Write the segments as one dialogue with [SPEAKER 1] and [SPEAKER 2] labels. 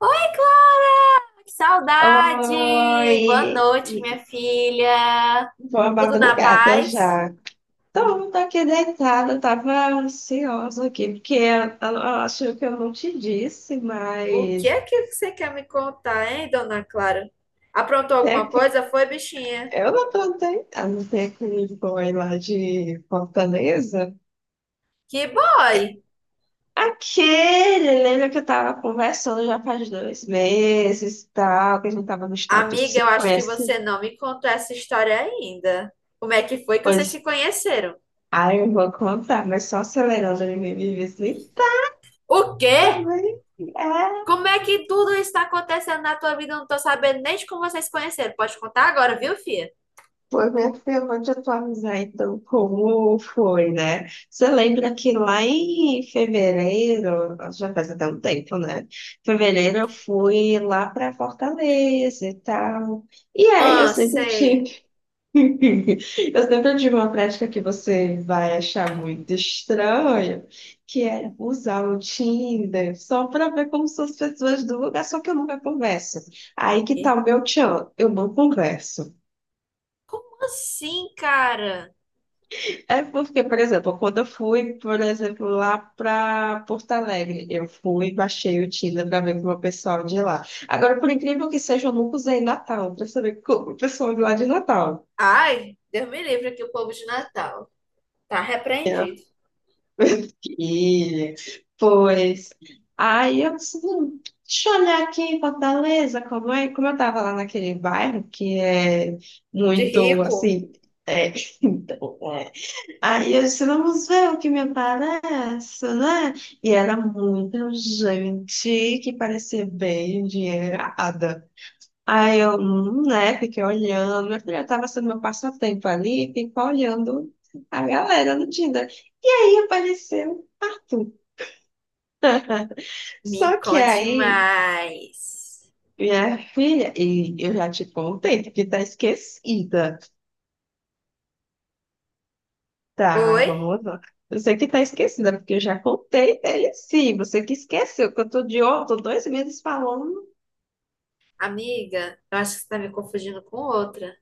[SPEAKER 1] Oi, Clara! Que saudade! Boa
[SPEAKER 2] Oi,
[SPEAKER 1] noite, minha
[SPEAKER 2] e
[SPEAKER 1] filha!
[SPEAKER 2] boa
[SPEAKER 1] Tudo na
[SPEAKER 2] madrugada
[SPEAKER 1] paz?
[SPEAKER 2] já. Tô, tô aqui deitada, tava ansiosa aqui, porque eu acho que eu não te disse,
[SPEAKER 1] O que
[SPEAKER 2] mas
[SPEAKER 1] é que você quer me contar, hein, dona Clara? Aprontou
[SPEAKER 2] tem
[SPEAKER 1] alguma
[SPEAKER 2] que-
[SPEAKER 1] coisa? Foi, bichinha?
[SPEAKER 2] eu não tô deitando, tem aquele boy lá de Fortaleza.
[SPEAKER 1] Que boy!
[SPEAKER 2] Aquele, lembra que eu tava conversando já faz dois meses e tal, que a gente tava no estádio
[SPEAKER 1] Amiga, eu
[SPEAKER 2] 5,
[SPEAKER 1] acho que
[SPEAKER 2] esse,
[SPEAKER 1] você não me contou essa história ainda. Como é que foi que vocês se
[SPEAKER 2] pois,
[SPEAKER 1] conheceram?
[SPEAKER 2] aí eu vou contar, mas só acelerando, ele me visita
[SPEAKER 1] O quê?
[SPEAKER 2] também. É
[SPEAKER 1] Como é que tudo isso está acontecendo na tua vida? Eu não tô sabendo nem de como vocês se conheceram. Pode contar agora, viu, filha?
[SPEAKER 2] foi, minha filha, vou te atualizar então como foi, né? Você lembra que lá em fevereiro, já faz até um tempo, né? Fevereiro eu fui lá para Fortaleza e tal. E aí eu
[SPEAKER 1] Ah,
[SPEAKER 2] sempre
[SPEAKER 1] sei.
[SPEAKER 2] tive, eu sempre tive uma prática que você vai achar muito estranha, que é usar o Tinder só para ver como são as pessoas do lugar, só que eu nunca converso. Aí que tá o meu tchan, eu não converso.
[SPEAKER 1] Como assim, cara?
[SPEAKER 2] É porque, por exemplo, quando eu fui, por exemplo, lá para Porto Alegre, eu fui e baixei o Tinder para ver com o pessoal de lá. Agora, por incrível que seja, eu nunca usei Natal para saber como o pessoal de lá de Natal.
[SPEAKER 1] Ai, Deus me livre aqui o povo de Natal. Tá
[SPEAKER 2] É.
[SPEAKER 1] repreendido.
[SPEAKER 2] E, pois, aí eu disse, deixa eu olhar aqui em Fortaleza, como é? Como eu estava lá naquele bairro que é
[SPEAKER 1] De
[SPEAKER 2] muito,
[SPEAKER 1] rico?
[SPEAKER 2] assim, é". Aí eu disse, vamos ver o que me aparece, né? E era muita gente que parecia bem endinheirada. Aí eu, né, fiquei olhando, eu já estava sendo meu passatempo ali, ficar olhando a galera no Tinder. E aí apareceu Arthur.
[SPEAKER 1] Me
[SPEAKER 2] Só que
[SPEAKER 1] conte
[SPEAKER 2] aí,
[SPEAKER 1] mais.
[SPEAKER 2] minha filha, e eu já te contei, porque tá esquecida. Tá, mas
[SPEAKER 1] Oi,
[SPEAKER 2] vamos lá. Você que tá esquecida, porque eu já contei ele sim. Você que esqueceu, que eu tô de ó, tô dois meses falando.
[SPEAKER 1] amiga? Eu acho que você tá me confundindo com outra.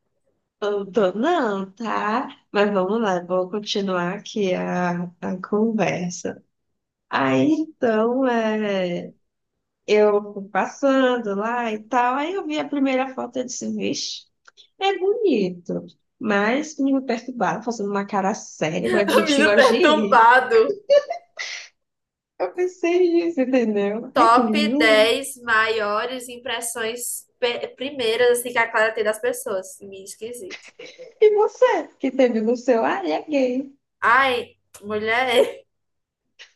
[SPEAKER 2] Eu tô, não, tá? Mas vamos lá, vou continuar aqui a conversa. Aí então, é, eu fui passando lá e tal. Aí eu vi a primeira foto e disse, vixe, é bonito. Mas me perturbaram, fazendo uma cara séria, igual de
[SPEAKER 1] O
[SPEAKER 2] gente que
[SPEAKER 1] Menino
[SPEAKER 2] gosta de rir.
[SPEAKER 1] perturbado.
[SPEAKER 2] Eu pensei nisso, entendeu? Ai, que
[SPEAKER 1] Top
[SPEAKER 2] menino.
[SPEAKER 1] 10 maiores impressões primeiras assim, que a Clara tem das pessoas. Meio esquisito.
[SPEAKER 2] E você, que teve no seu, ah, ele é gay,
[SPEAKER 1] Ai, mulher,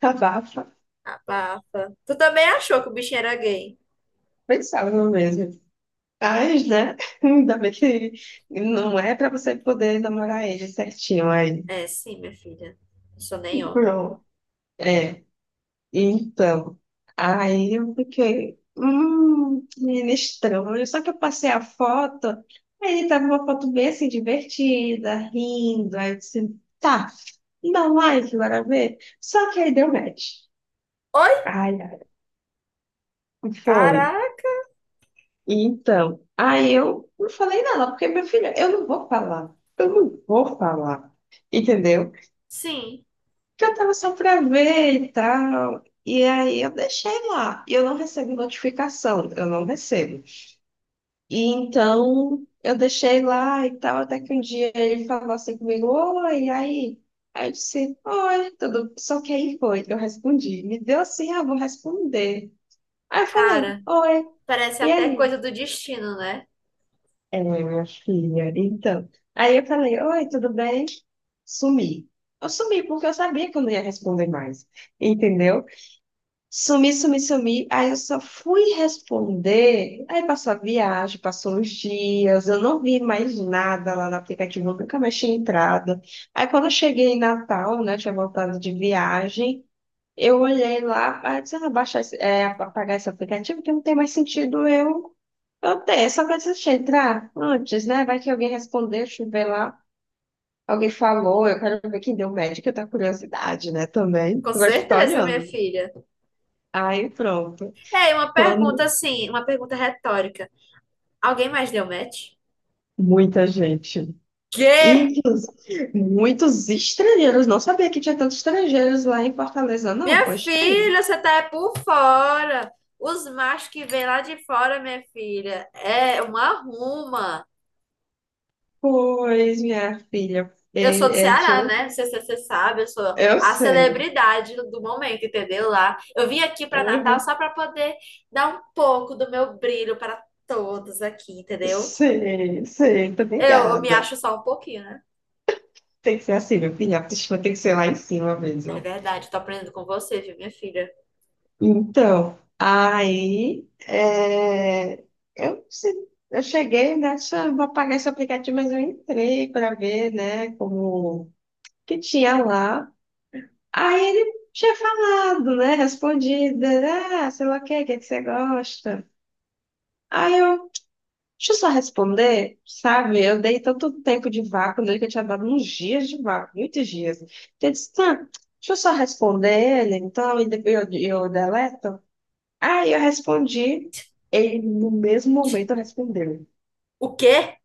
[SPEAKER 2] abafa.
[SPEAKER 1] abafa. Tu também achou que o bichinho era gay?
[SPEAKER 2] Pensava no mesmo. Mas, né? Ainda bem que não é pra você poder namorar ele certinho aí.
[SPEAKER 1] É, sim, minha filha. Não sou nem homem.
[SPEAKER 2] Pronto. É. Então, aí eu fiquei, menino estranho. Só que eu passei a foto, aí ele tava uma foto bem assim, divertida, rindo. Aí eu disse, tá, dá um like, bora ver. Só que aí deu match.
[SPEAKER 1] Oi?
[SPEAKER 2] Ai, ai, foi.
[SPEAKER 1] Caraca!
[SPEAKER 2] Então, aí eu não falei nada, porque, meu filho, eu não vou falar, eu não vou falar, entendeu?
[SPEAKER 1] Sim,
[SPEAKER 2] Porque eu tava só pra ver e tal, e aí eu deixei lá, e eu não recebo notificação, eu não recebo. E então, eu deixei lá e tal, até que um dia ele falou assim comigo, oi, e aí? Aí eu disse, oi, tudo, só que aí foi, eu respondi, me deu assim, ah, vou responder. Aí eu falei,
[SPEAKER 1] cara,
[SPEAKER 2] oi,
[SPEAKER 1] parece
[SPEAKER 2] e
[SPEAKER 1] até
[SPEAKER 2] aí?
[SPEAKER 1] coisa do destino, né?
[SPEAKER 2] É, minha filha. Então, aí eu falei, oi, tudo bem? Sumi. Eu sumi porque eu sabia que eu não ia responder mais, entendeu? Sumi. Aí eu só fui responder. Aí passou a viagem, passou uns dias, eu não vi mais nada lá no aplicativo, eu nunca mais tinha entrado. Aí quando eu cheguei em Natal, né, tinha voltado de viagem, eu olhei lá, ah, disse, ah, baixar, é, apagar esse aplicativo, porque não tem mais sentido eu tenho, só que eu entrar antes, né? Vai que alguém respondeu, deixa eu ver lá. Alguém falou, eu quero ver quem deu médico, eu tenho curiosidade, né? Também.
[SPEAKER 1] Com
[SPEAKER 2] Eu gosto de ficar
[SPEAKER 1] certeza, minha
[SPEAKER 2] olhando.
[SPEAKER 1] filha.
[SPEAKER 2] Aí pronto.
[SPEAKER 1] É, e uma pergunta
[SPEAKER 2] Quando
[SPEAKER 1] assim, uma pergunta retórica. Alguém mais deu match?
[SPEAKER 2] muita gente.
[SPEAKER 1] Quê?
[SPEAKER 2] Inclusive, muitos estrangeiros. Não sabia que tinha tantos estrangeiros lá em Fortaleza, não.
[SPEAKER 1] Minha
[SPEAKER 2] Pois tem.
[SPEAKER 1] filha, você tá é por fora. Os machos que vêm lá de fora, minha filha, é uma arruma.
[SPEAKER 2] Pois, minha filha,
[SPEAKER 1] Eu sou do
[SPEAKER 2] é, tinha
[SPEAKER 1] Ceará,
[SPEAKER 2] um-
[SPEAKER 1] né? Não sei se você sabe, eu sou
[SPEAKER 2] eu
[SPEAKER 1] a
[SPEAKER 2] sei.
[SPEAKER 1] celebridade do momento, entendeu? Lá. Eu vim aqui para Natal
[SPEAKER 2] Aham.
[SPEAKER 1] só para poder dar um pouco do meu brilho para todos aqui, entendeu?
[SPEAKER 2] Sei, sei, muito
[SPEAKER 1] Eu me
[SPEAKER 2] obrigada.
[SPEAKER 1] acho só um pouquinho, né?
[SPEAKER 2] Tem que ser assim, meu filho, a autoestima tem que ser lá em cima
[SPEAKER 1] É
[SPEAKER 2] mesmo.
[SPEAKER 1] verdade, tô aprendendo com você, viu, minha filha?
[SPEAKER 2] Então, aí é, eu, eu cheguei nessa, vou apagar esse aplicativo, mas eu entrei para ver, né, como que tinha lá. Aí ele tinha falado, né, respondido, né, ah, sei lá o que é que você gosta? Aí eu, deixa eu só responder, sabe? Eu dei tanto tempo de vácuo nele que eu tinha dado uns dias de vácuo, muitos dias. Então, eu disse, tá, deixa eu só responder ele, então, e depois eu deleto. Aí eu respondi, ele no mesmo momento respondeu.
[SPEAKER 1] O quê?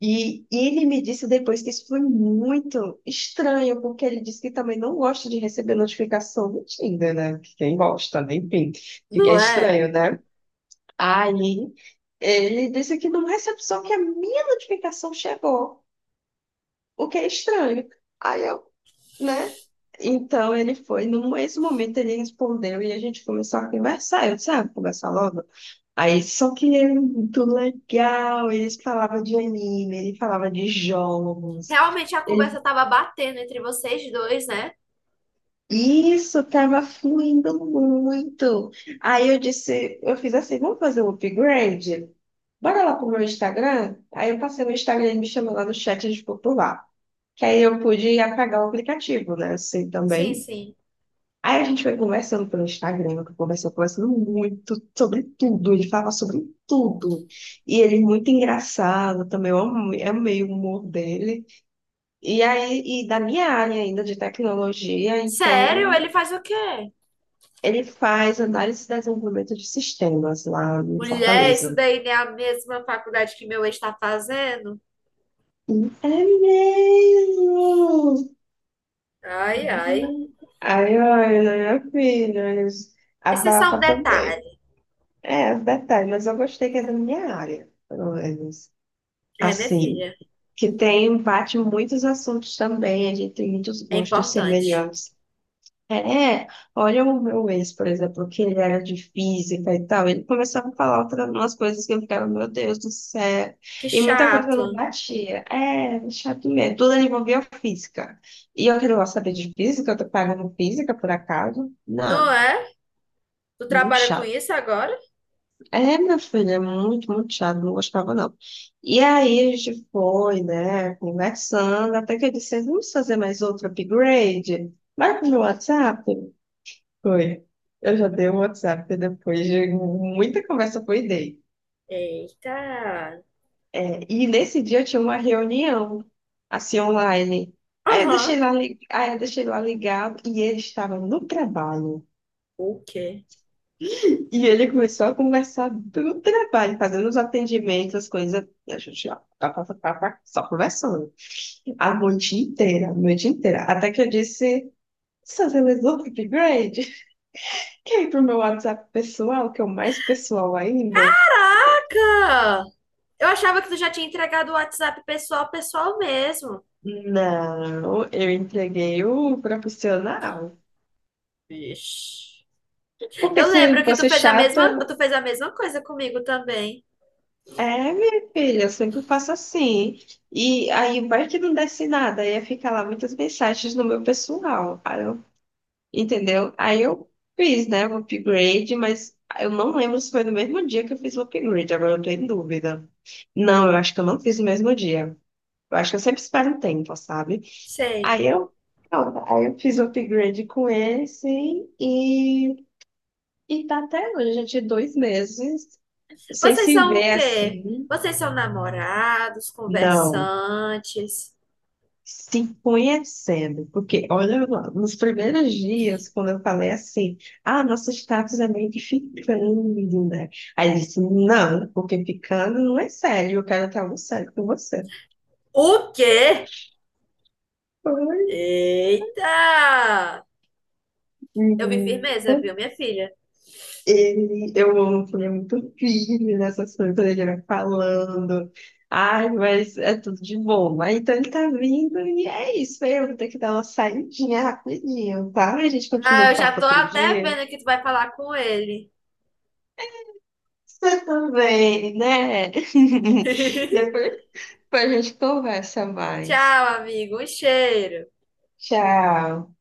[SPEAKER 2] E ele me disse depois que isso foi muito estranho, porque ele disse que também não gosta de receber notificação do Tinder, né? Que quem gosta, né? Enfim, fica
[SPEAKER 1] Não é?
[SPEAKER 2] estranho, né? Aí ele disse que não recebe só que a minha notificação chegou, o que é estranho. Aí eu, né? Então ele foi, no mesmo momento ele respondeu e a gente começou a conversar. Eu disse, ah, vou conversar logo. Aí, só que era muito legal, eles falavam de anime, ele falava de jogos.
[SPEAKER 1] Realmente a
[SPEAKER 2] Ele-
[SPEAKER 1] conversa tava batendo entre vocês dois, né?
[SPEAKER 2] Isso estava fluindo muito. Aí eu disse, eu fiz assim, vamos fazer um upgrade? Bora lá pro meu Instagram? Aí eu passei no Instagram e ele me chamou lá no chat de popular. Que aí eu pude apagar o aplicativo, né? Assim
[SPEAKER 1] Sim,
[SPEAKER 2] também.
[SPEAKER 1] sim.
[SPEAKER 2] Aí a gente foi conversando pelo Instagram, eu conversou conversando muito sobre tudo, ele fala sobre tudo. E ele é muito engraçado também, eu amei o humor dele. E aí, e da minha área ainda de tecnologia,
[SPEAKER 1] Sério?
[SPEAKER 2] então
[SPEAKER 1] Ele faz o quê?
[SPEAKER 2] ele faz análise e desenvolvimento de sistemas lá em
[SPEAKER 1] Mulher, isso
[SPEAKER 2] Fortaleza.
[SPEAKER 1] daí não é a mesma faculdade que meu ex tá fazendo?
[SPEAKER 2] É mesmo!
[SPEAKER 1] Ai, ai.
[SPEAKER 2] Aí, olha, minha filha,
[SPEAKER 1] Esse é só um
[SPEAKER 2] abafa também.
[SPEAKER 1] detalhe.
[SPEAKER 2] É, detalhe, mas eu gostei que é da minha área, pelo menos.
[SPEAKER 1] É, minha
[SPEAKER 2] Assim,
[SPEAKER 1] filha,
[SPEAKER 2] que tem, bate muitos assuntos também, a gente tem muitos
[SPEAKER 1] é
[SPEAKER 2] gostos
[SPEAKER 1] importante.
[SPEAKER 2] semelhantes. É, olha o meu ex, por exemplo, que ele era de física e tal, ele começava a falar outras umas coisas que eu ficava, meu Deus do céu,
[SPEAKER 1] Que
[SPEAKER 2] e muita coisa não
[SPEAKER 1] chato,
[SPEAKER 2] batia. É, chato mesmo, tudo ele envolvia física. E eu que não gosto de saber de física, eu tô pagando física por acaso?
[SPEAKER 1] não
[SPEAKER 2] Não,
[SPEAKER 1] é? Tu
[SPEAKER 2] muito
[SPEAKER 1] trabalha com
[SPEAKER 2] chato.
[SPEAKER 1] isso agora?
[SPEAKER 2] É, meu filho, é muito, muito chato, não gostava não. E aí a gente foi, né, conversando, até que eu disse, vamos fazer mais outro upgrade? Vai pro meu WhatsApp? Foi. Eu já dei o WhatsApp depois de muita conversa, foi dei.
[SPEAKER 1] Eita.
[SPEAKER 2] É, e nesse dia eu tinha uma reunião, assim, online. Aí eu
[SPEAKER 1] Aham.
[SPEAKER 2] deixei lá, aí eu deixei lá ligado e ele estava no trabalho.
[SPEAKER 1] O quê?
[SPEAKER 2] E ele começou a conversar do trabalho, fazendo os atendimentos, as coisas. E a gente, ó, pá, pá, pá, pá, pá, só conversando. A noite inteira, a noite inteira. Até que eu disse, "Só você resolveu o upgrade? Quer ir pro meu WhatsApp pessoal, que é o mais pessoal ainda?
[SPEAKER 1] Caraca! Eu achava que tu já tinha entregado o WhatsApp pessoal, pessoal mesmo.
[SPEAKER 2] Não, eu entreguei o profissional.
[SPEAKER 1] Vixe.
[SPEAKER 2] Porque
[SPEAKER 1] Eu
[SPEAKER 2] se
[SPEAKER 1] lembro que
[SPEAKER 2] fosse chata,
[SPEAKER 1] tu fez a mesma coisa comigo também.
[SPEAKER 2] é, minha filha, eu sempre faço assim. E aí vai que não desce nada, aí ia ficar lá muitas mensagens no meu pessoal. Aí eu, entendeu? Aí eu fiz, né, o upgrade, mas eu não lembro se foi no mesmo dia que eu fiz o upgrade, agora eu tô em dúvida. Não, eu acho que eu não fiz no mesmo dia. Eu acho que eu sempre espero um tempo, sabe?
[SPEAKER 1] Sei.
[SPEAKER 2] Aí eu, pronto, aí eu fiz o upgrade com esse e, e tá até hoje, a gente, dois meses, sem
[SPEAKER 1] Vocês
[SPEAKER 2] se
[SPEAKER 1] são o
[SPEAKER 2] ver
[SPEAKER 1] quê?
[SPEAKER 2] assim.
[SPEAKER 1] Vocês são namorados,
[SPEAKER 2] Não.
[SPEAKER 1] conversantes.
[SPEAKER 2] Se conhecendo, porque olha lá, nos primeiros dias, quando eu falei assim, ah, nosso status é meio que ficando, né? Aí ele disse, não, porque ficando não é sério, eu quero estar no sério com você.
[SPEAKER 1] O quê?
[SPEAKER 2] Pois,
[SPEAKER 1] Eita! Eu vi
[SPEAKER 2] menina,
[SPEAKER 1] firmeza, viu, minha filha?
[SPEAKER 2] ele, eu amo que ele é muito firme nessas coisas, quando ele vai falando, ai, mas é tudo de bom. Aí, então ele tá vindo e é isso, né? Eu vou ter que dar uma saidinha rapidinho, tá? A gente continua
[SPEAKER 1] Ah,
[SPEAKER 2] o
[SPEAKER 1] eu já
[SPEAKER 2] papo
[SPEAKER 1] tô
[SPEAKER 2] outro
[SPEAKER 1] até
[SPEAKER 2] dia.
[SPEAKER 1] vendo que tu vai falar com ele.
[SPEAKER 2] Você também, né? Depois a gente conversa mais.
[SPEAKER 1] Tchau, amigo. Um cheiro.
[SPEAKER 2] Tchau.